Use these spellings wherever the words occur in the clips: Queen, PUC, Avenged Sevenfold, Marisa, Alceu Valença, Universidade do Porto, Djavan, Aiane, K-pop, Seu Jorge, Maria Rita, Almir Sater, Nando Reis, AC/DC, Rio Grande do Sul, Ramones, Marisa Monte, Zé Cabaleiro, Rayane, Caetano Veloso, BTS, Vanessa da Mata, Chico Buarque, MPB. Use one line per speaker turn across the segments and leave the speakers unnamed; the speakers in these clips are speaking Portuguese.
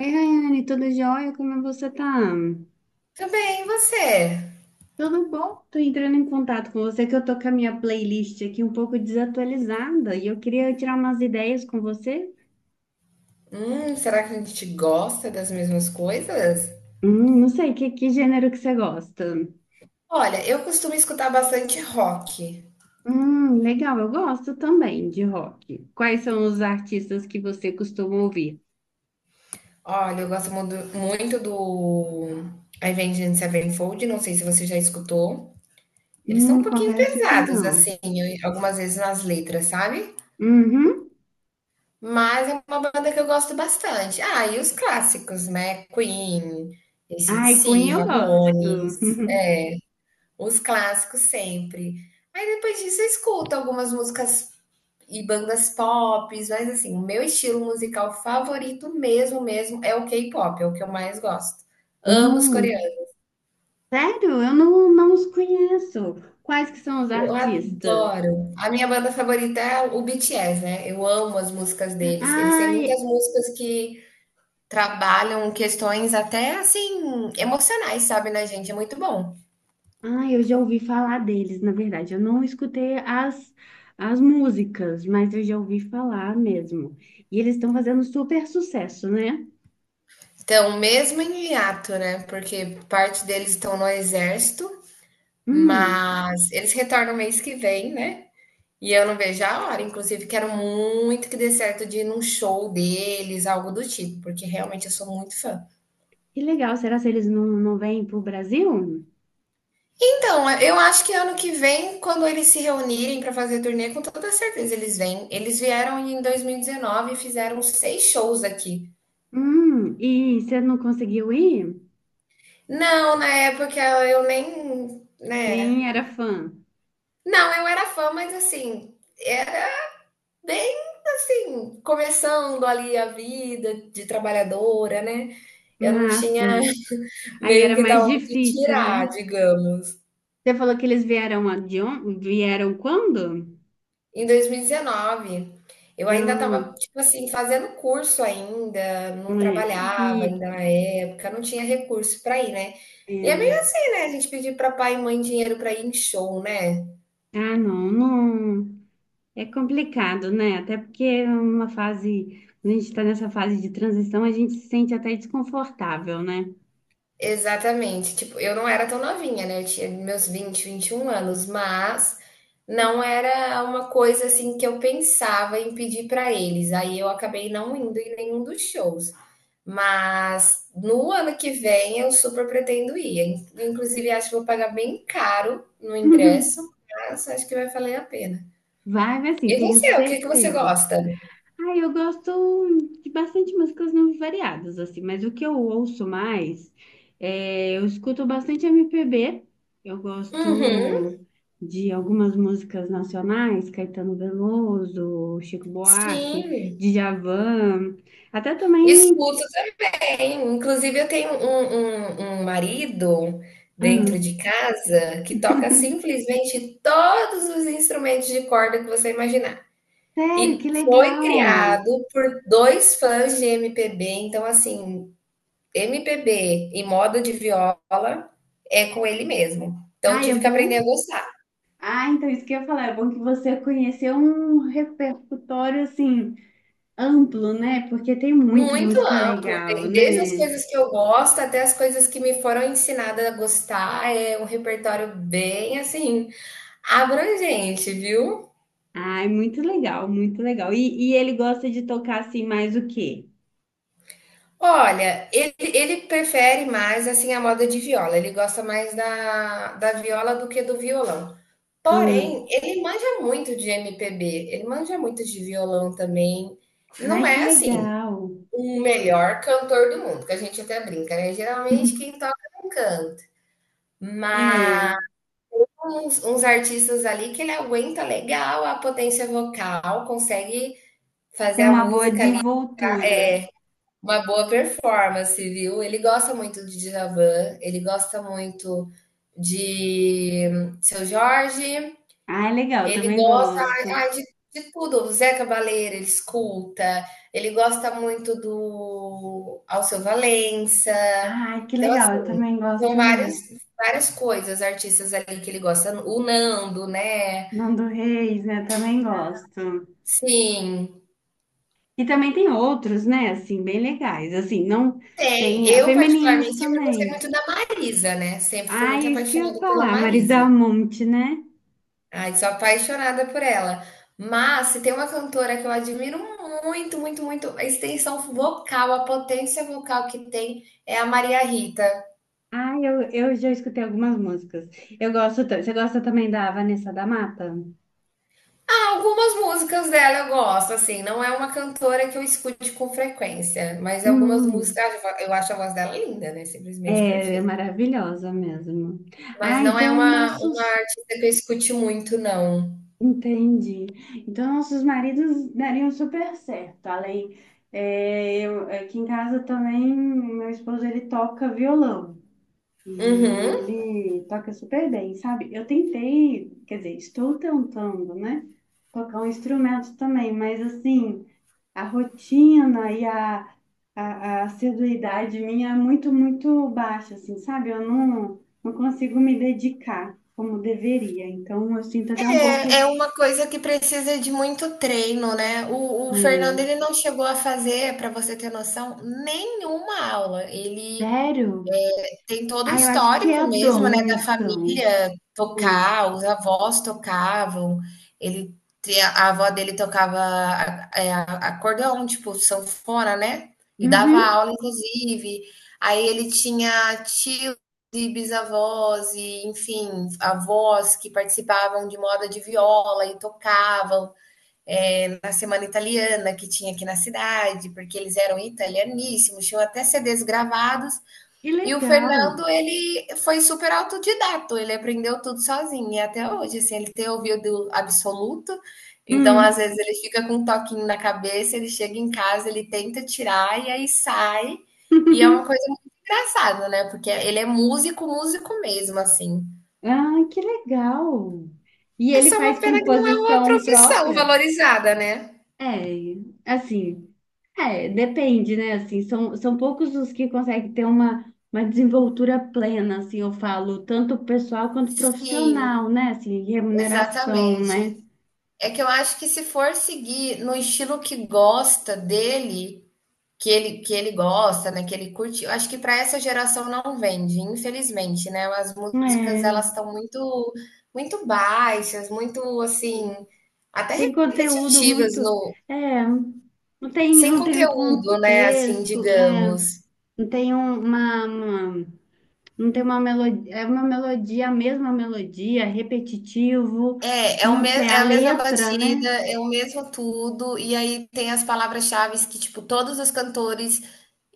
Oi, Rayane, tudo jóia? Como você tá?
Também e você?
Tudo bom? Tô entrando em contato com você que eu tô com a minha playlist aqui um pouco desatualizada e eu queria tirar umas ideias com você.
Será que a gente gosta das mesmas coisas?
Não sei, que gênero que você gosta?
Olha, eu costumo escutar bastante rock.
Legal, eu gosto também de rock. Quais são os artistas que você costuma ouvir?
Olha, eu gosto muito, muito do Avenged Sevenfold, não sei se você já escutou. Eles são um pouquinho
Confesso que
pesados,
não.
assim, algumas vezes nas letras, sabe?
Uhum.
Mas é uma banda que eu gosto bastante. Ah, e os clássicos, né? Queen,
Ai, Queen
AC/DC,
eu gosto.
Ramones, é, os clássicos sempre. Aí depois disso eu escuto algumas músicas e bandas pop, mas assim, o meu estilo musical favorito mesmo, mesmo, é o K-pop, é o que eu mais gosto. Amo os coreanos,
Hum, sério? Eu não os conheço. Quais que são os
eu
artistas?
adoro. A minha banda favorita é o BTS, né? Eu amo as músicas deles. Eles têm
Ai,
muitas músicas que trabalham questões até assim emocionais, sabe, na gente, é muito bom.
ai, eu já ouvi falar deles, na verdade. Eu não escutei as, as músicas, mas eu já ouvi falar mesmo. E eles estão fazendo super sucesso, né?
Então, mesmo em hiato, né? Porque parte deles estão no exército,
Hum,
mas eles retornam mês que vem, né? E eu não vejo a hora. Inclusive, quero muito que dê certo de ir num show deles, algo do tipo, porque realmente eu sou muito fã.
que legal. Será que eles não vêm pro Brasil?
Então, eu acho que ano que vem, quando eles se reunirem para fazer turnê, com toda certeza eles vêm. Eles vieram em 2019 e fizeram seis shows aqui.
E você não conseguiu ir?
Não, na época eu nem, né?
Nem era fã.
Não, eu era fã, mas assim, era bem assim, começando ali a vida de trabalhadora, né? Eu não
Ah,
tinha
sim. Aí
meio
era
que da
mais
onde
difícil,
tirar,
né?
digamos.
Você falou que eles vieram a- de on- vieram quando?
Em 2019, eu ainda
Ah,
estava, tipo assim, fazendo curso ainda,
é.
não trabalhava
E
ainda na época, não tinha recurso para ir, né? E é
é.
meio assim, né? A gente pedir para pai e mãe dinheiro para ir em show, né?
Ah, não, não. É complicado, né? Até porque é uma fase, quando a gente está nessa fase de transição, a gente se sente até desconfortável, né?
Exatamente. Tipo, eu não era tão novinha, né? Eu tinha meus vinte, 21 anos, mas não era uma coisa assim que eu pensava em pedir para eles. Aí eu acabei não indo em nenhum dos shows. Mas no ano que vem eu super pretendo ir. Inclusive, acho que vou pagar bem caro no ingresso, mas acho que vai valer a pena.
Vai, mas assim,
E
tenho
você, o que que você
certeza.
gosta?
Ah, eu gosto de bastante músicas no- variadas, assim, mas o que eu ouço mais, é, eu escuto bastante MPB, eu
Uhum,
gosto de algumas músicas nacionais, Caetano Veloso, Chico Buarque,
sim.
Djavan, até também.
Escuto também. Inclusive, eu tenho um marido dentro
Ah,
de casa que toca simplesmente todos os instrumentos de corda que você imaginar.
sério, que
E foi
legal!
criado por dois fãs de MPB, então assim, MPB e moda de viola é com ele mesmo. Então eu
Ai, é
tive que
bom?
aprender a gostar.
Ah, então isso que eu ia falar, é bom que você conheceu um repertório assim amplo, né? Porque tem muita
Muito
música
amplo,
legal,
tem desde as
né?
coisas que eu gosto até as coisas que me foram ensinadas a gostar. É um repertório bem assim abrangente, viu?
Ai, muito legal, muito legal. E ele gosta de tocar assim mais o quê?
Olha, ele prefere mais assim a moda de viola. Ele gosta mais da, da viola do que do violão. Porém,
Hum.
ele manja muito de MPB, ele manja muito de violão também.
Ai,
Não
que
é assim
legal!
o melhor cantor do mundo, que a gente até brinca, né? Geralmente quem toca não canta. Mas
É,
uns artistas ali que ele aguenta legal a potência vocal, consegue fazer
tem
a
uma boa
música,
desenvoltura.
uma boa performance, viu? Ele gosta muito de Djavan, ele gosta muito de Seu Jorge,
Ai, legal,
ele
também
gosta,
gosto.
ai, de tudo, o Zé Cabaleiro, ele escuta, ele gosta muito do Alceu Valença.
Ai, que
Então,
legal, eu
assim,
também
são
gosto
várias,
dela.
várias coisas, artistas ali que ele gosta, o Nando, né?
Nando Reis, né? Também gosto.
Sim,
E também tem outros, né? Assim, bem legais. Assim, não
tem.
tem
Eu,
femininos
particularmente, sempre gostei
também.
muito da Marisa, né? Sempre fui muito
Ai, é isso que eu ia
apaixonada pela
falar, Marisa
Marisa.
Monte, né?
Ai, sou apaixonada por ela. Mas se tem uma cantora que eu admiro muito, muito, muito, a extensão vocal, a potência vocal que tem é a Maria Rita.
Ai, eu já escutei algumas músicas. Você gosta também da Vanessa da Mata?
Ah, algumas músicas dela eu gosto, assim, não é uma cantora que eu escute com frequência, mas algumas
Hum,
músicas eu acho a voz dela linda, né? Simplesmente
é, é
perfeita.
maravilhosa mesmo.
Mas
Ah,
não é
então
uma
nossos,
artista que eu escute muito, não.
entendi. Então nossos maridos dariam super certo. É, eu, aqui em casa também, meu esposo ele toca violão. E
Uhum.
ele toca super bem, sabe? Eu tentei, quer dizer, estou tentando, né? Tocar um instrumento também, mas assim, a rotina e a, a, a assiduidade minha é muito, muito baixa, assim, sabe? Eu não consigo me dedicar como deveria. Então, eu sinto até um
É,
pouco.
é uma coisa que precisa de muito treino, né? O Fernando
É,
ele não chegou a fazer, para você ter noção, nenhuma aula. Ele
sério?
tem todo o
Ah, eu acho que
histórico
é
mesmo, né,
dom,
da
então.
família
Hum.
tocar, os avós tocavam, ele te a avó dele tocava a acordeon, tipo, sanfona, né, e dava
Uhum.
aula inclusive. Aí ele tinha tios e bisavós e, enfim, avós que participavam de moda de viola e tocavam, na semana italiana que tinha aqui na cidade, porque eles eram italianíssimos, tinham até CDs gravados
Que
e o
legal.
Fernando, ele foi super autodidato, ele aprendeu tudo sozinho, e até hoje, assim, ele tem ouvido absoluto, então às
Hum.
vezes ele fica com um toquinho na cabeça, ele chega em casa, ele tenta tirar e aí sai, e é uma coisa muito engraçada, né, porque ele é músico, músico mesmo, assim.
Ah, que legal! E
É
ele
só
faz
uma pena que não é uma
composição
profissão
própria?
valorizada, né?
É, assim, é, depende, né? Assim, são poucos os que conseguem ter uma desenvoltura plena, assim, eu falo, tanto pessoal quanto
Sim,
profissional, né? Assim, remuneração, né?
exatamente. É que eu acho que se for seguir no estilo que gosta dele, que ele gosta, né? Que ele curte. Eu acho que para essa geração não vende, infelizmente, né? As músicas
É,
elas estão muito muito baixas, muito assim, até
tem conteúdo
repetitivas,
muito,
no
é, não tem,
sem
não tem um
conteúdo, né? Assim,
contexto, é,
digamos.
não tem um- uma Não tem uma melodia, é uma melodia, a mesma melodia, repetitivo,
É, o me
não tem
é
a
a mesma
letra,
batida,
né?
é o mesmo tudo, e aí tem as palavras-chaves que, tipo, todos os cantores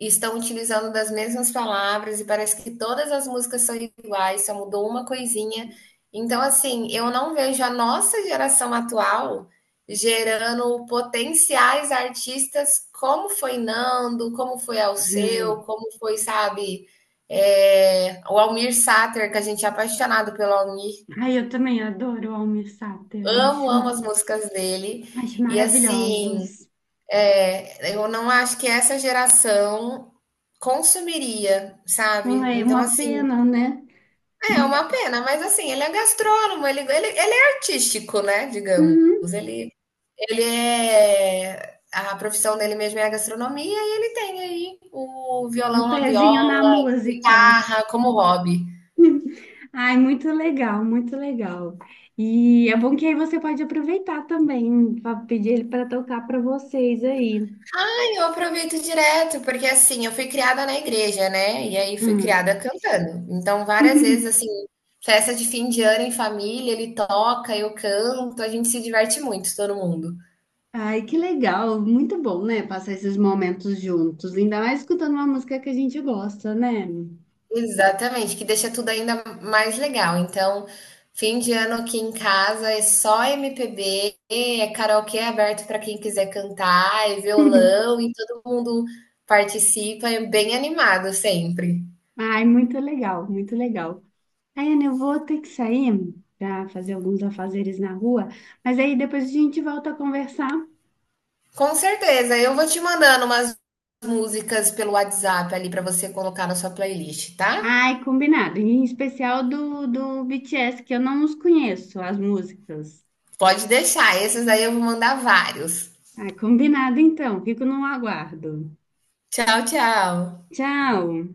estão utilizando das mesmas palavras, e parece que todas as músicas são iguais, só mudou uma coisinha. Então, assim, eu não vejo a nossa geração atual gerando potenciais artistas como foi Nando, como foi Alceu,
É.
como foi, sabe, é, o Almir Sater, que a gente é apaixonado pelo Almir.
Ai, eu também adoro Almir Sater,
Amo, amo as músicas dele.
acho
E assim,
maravilhosos.
é, eu não acho que essa geração consumiria, sabe?
É
Então,
uma
assim,
pena, né?
é uma pena, mas assim, ele é gastrônomo, ele é artístico, né? Digamos.
Uhum.
Ele, ele é. A profissão dele mesmo é a gastronomia e ele tem aí o
Um
violão, a
pezinho na
viola,
música.
guitarra como hobby.
Ai, muito legal, muito legal. E é bom que aí você pode aproveitar também, pra pedir ele para tocar para vocês aí.
Eu aproveito direto, porque assim, eu fui criada na igreja, né? E aí fui
Hum.
criada cantando. Então, várias vezes, assim, festa de fim de ano em família, ele toca, eu canto, a gente se diverte muito, todo mundo.
Ai, que legal, muito bom, né? Passar esses momentos juntos, ainda mais escutando uma música que a gente gosta, né?
Exatamente, que deixa tudo ainda mais legal. Então, fim de ano aqui em casa é só MPB, é karaokê aberto para quem quiser cantar, é violão e todo mundo participa, é bem animado sempre.
Ai, muito legal, muito legal. Aí, Aiane, eu vou ter que sair para fazer alguns afazeres na rua, mas aí depois a gente volta a conversar.
Com certeza. Eu vou te mandando umas músicas pelo WhatsApp ali para você colocar na sua playlist, tá?
Ai, combinado, em especial do BTS, que eu não os conheço, as músicas.
Pode deixar. Esses aí eu vou mandar vários.
Ai, combinado então, fico no aguardo.
Tchau, tchau.
Tchau!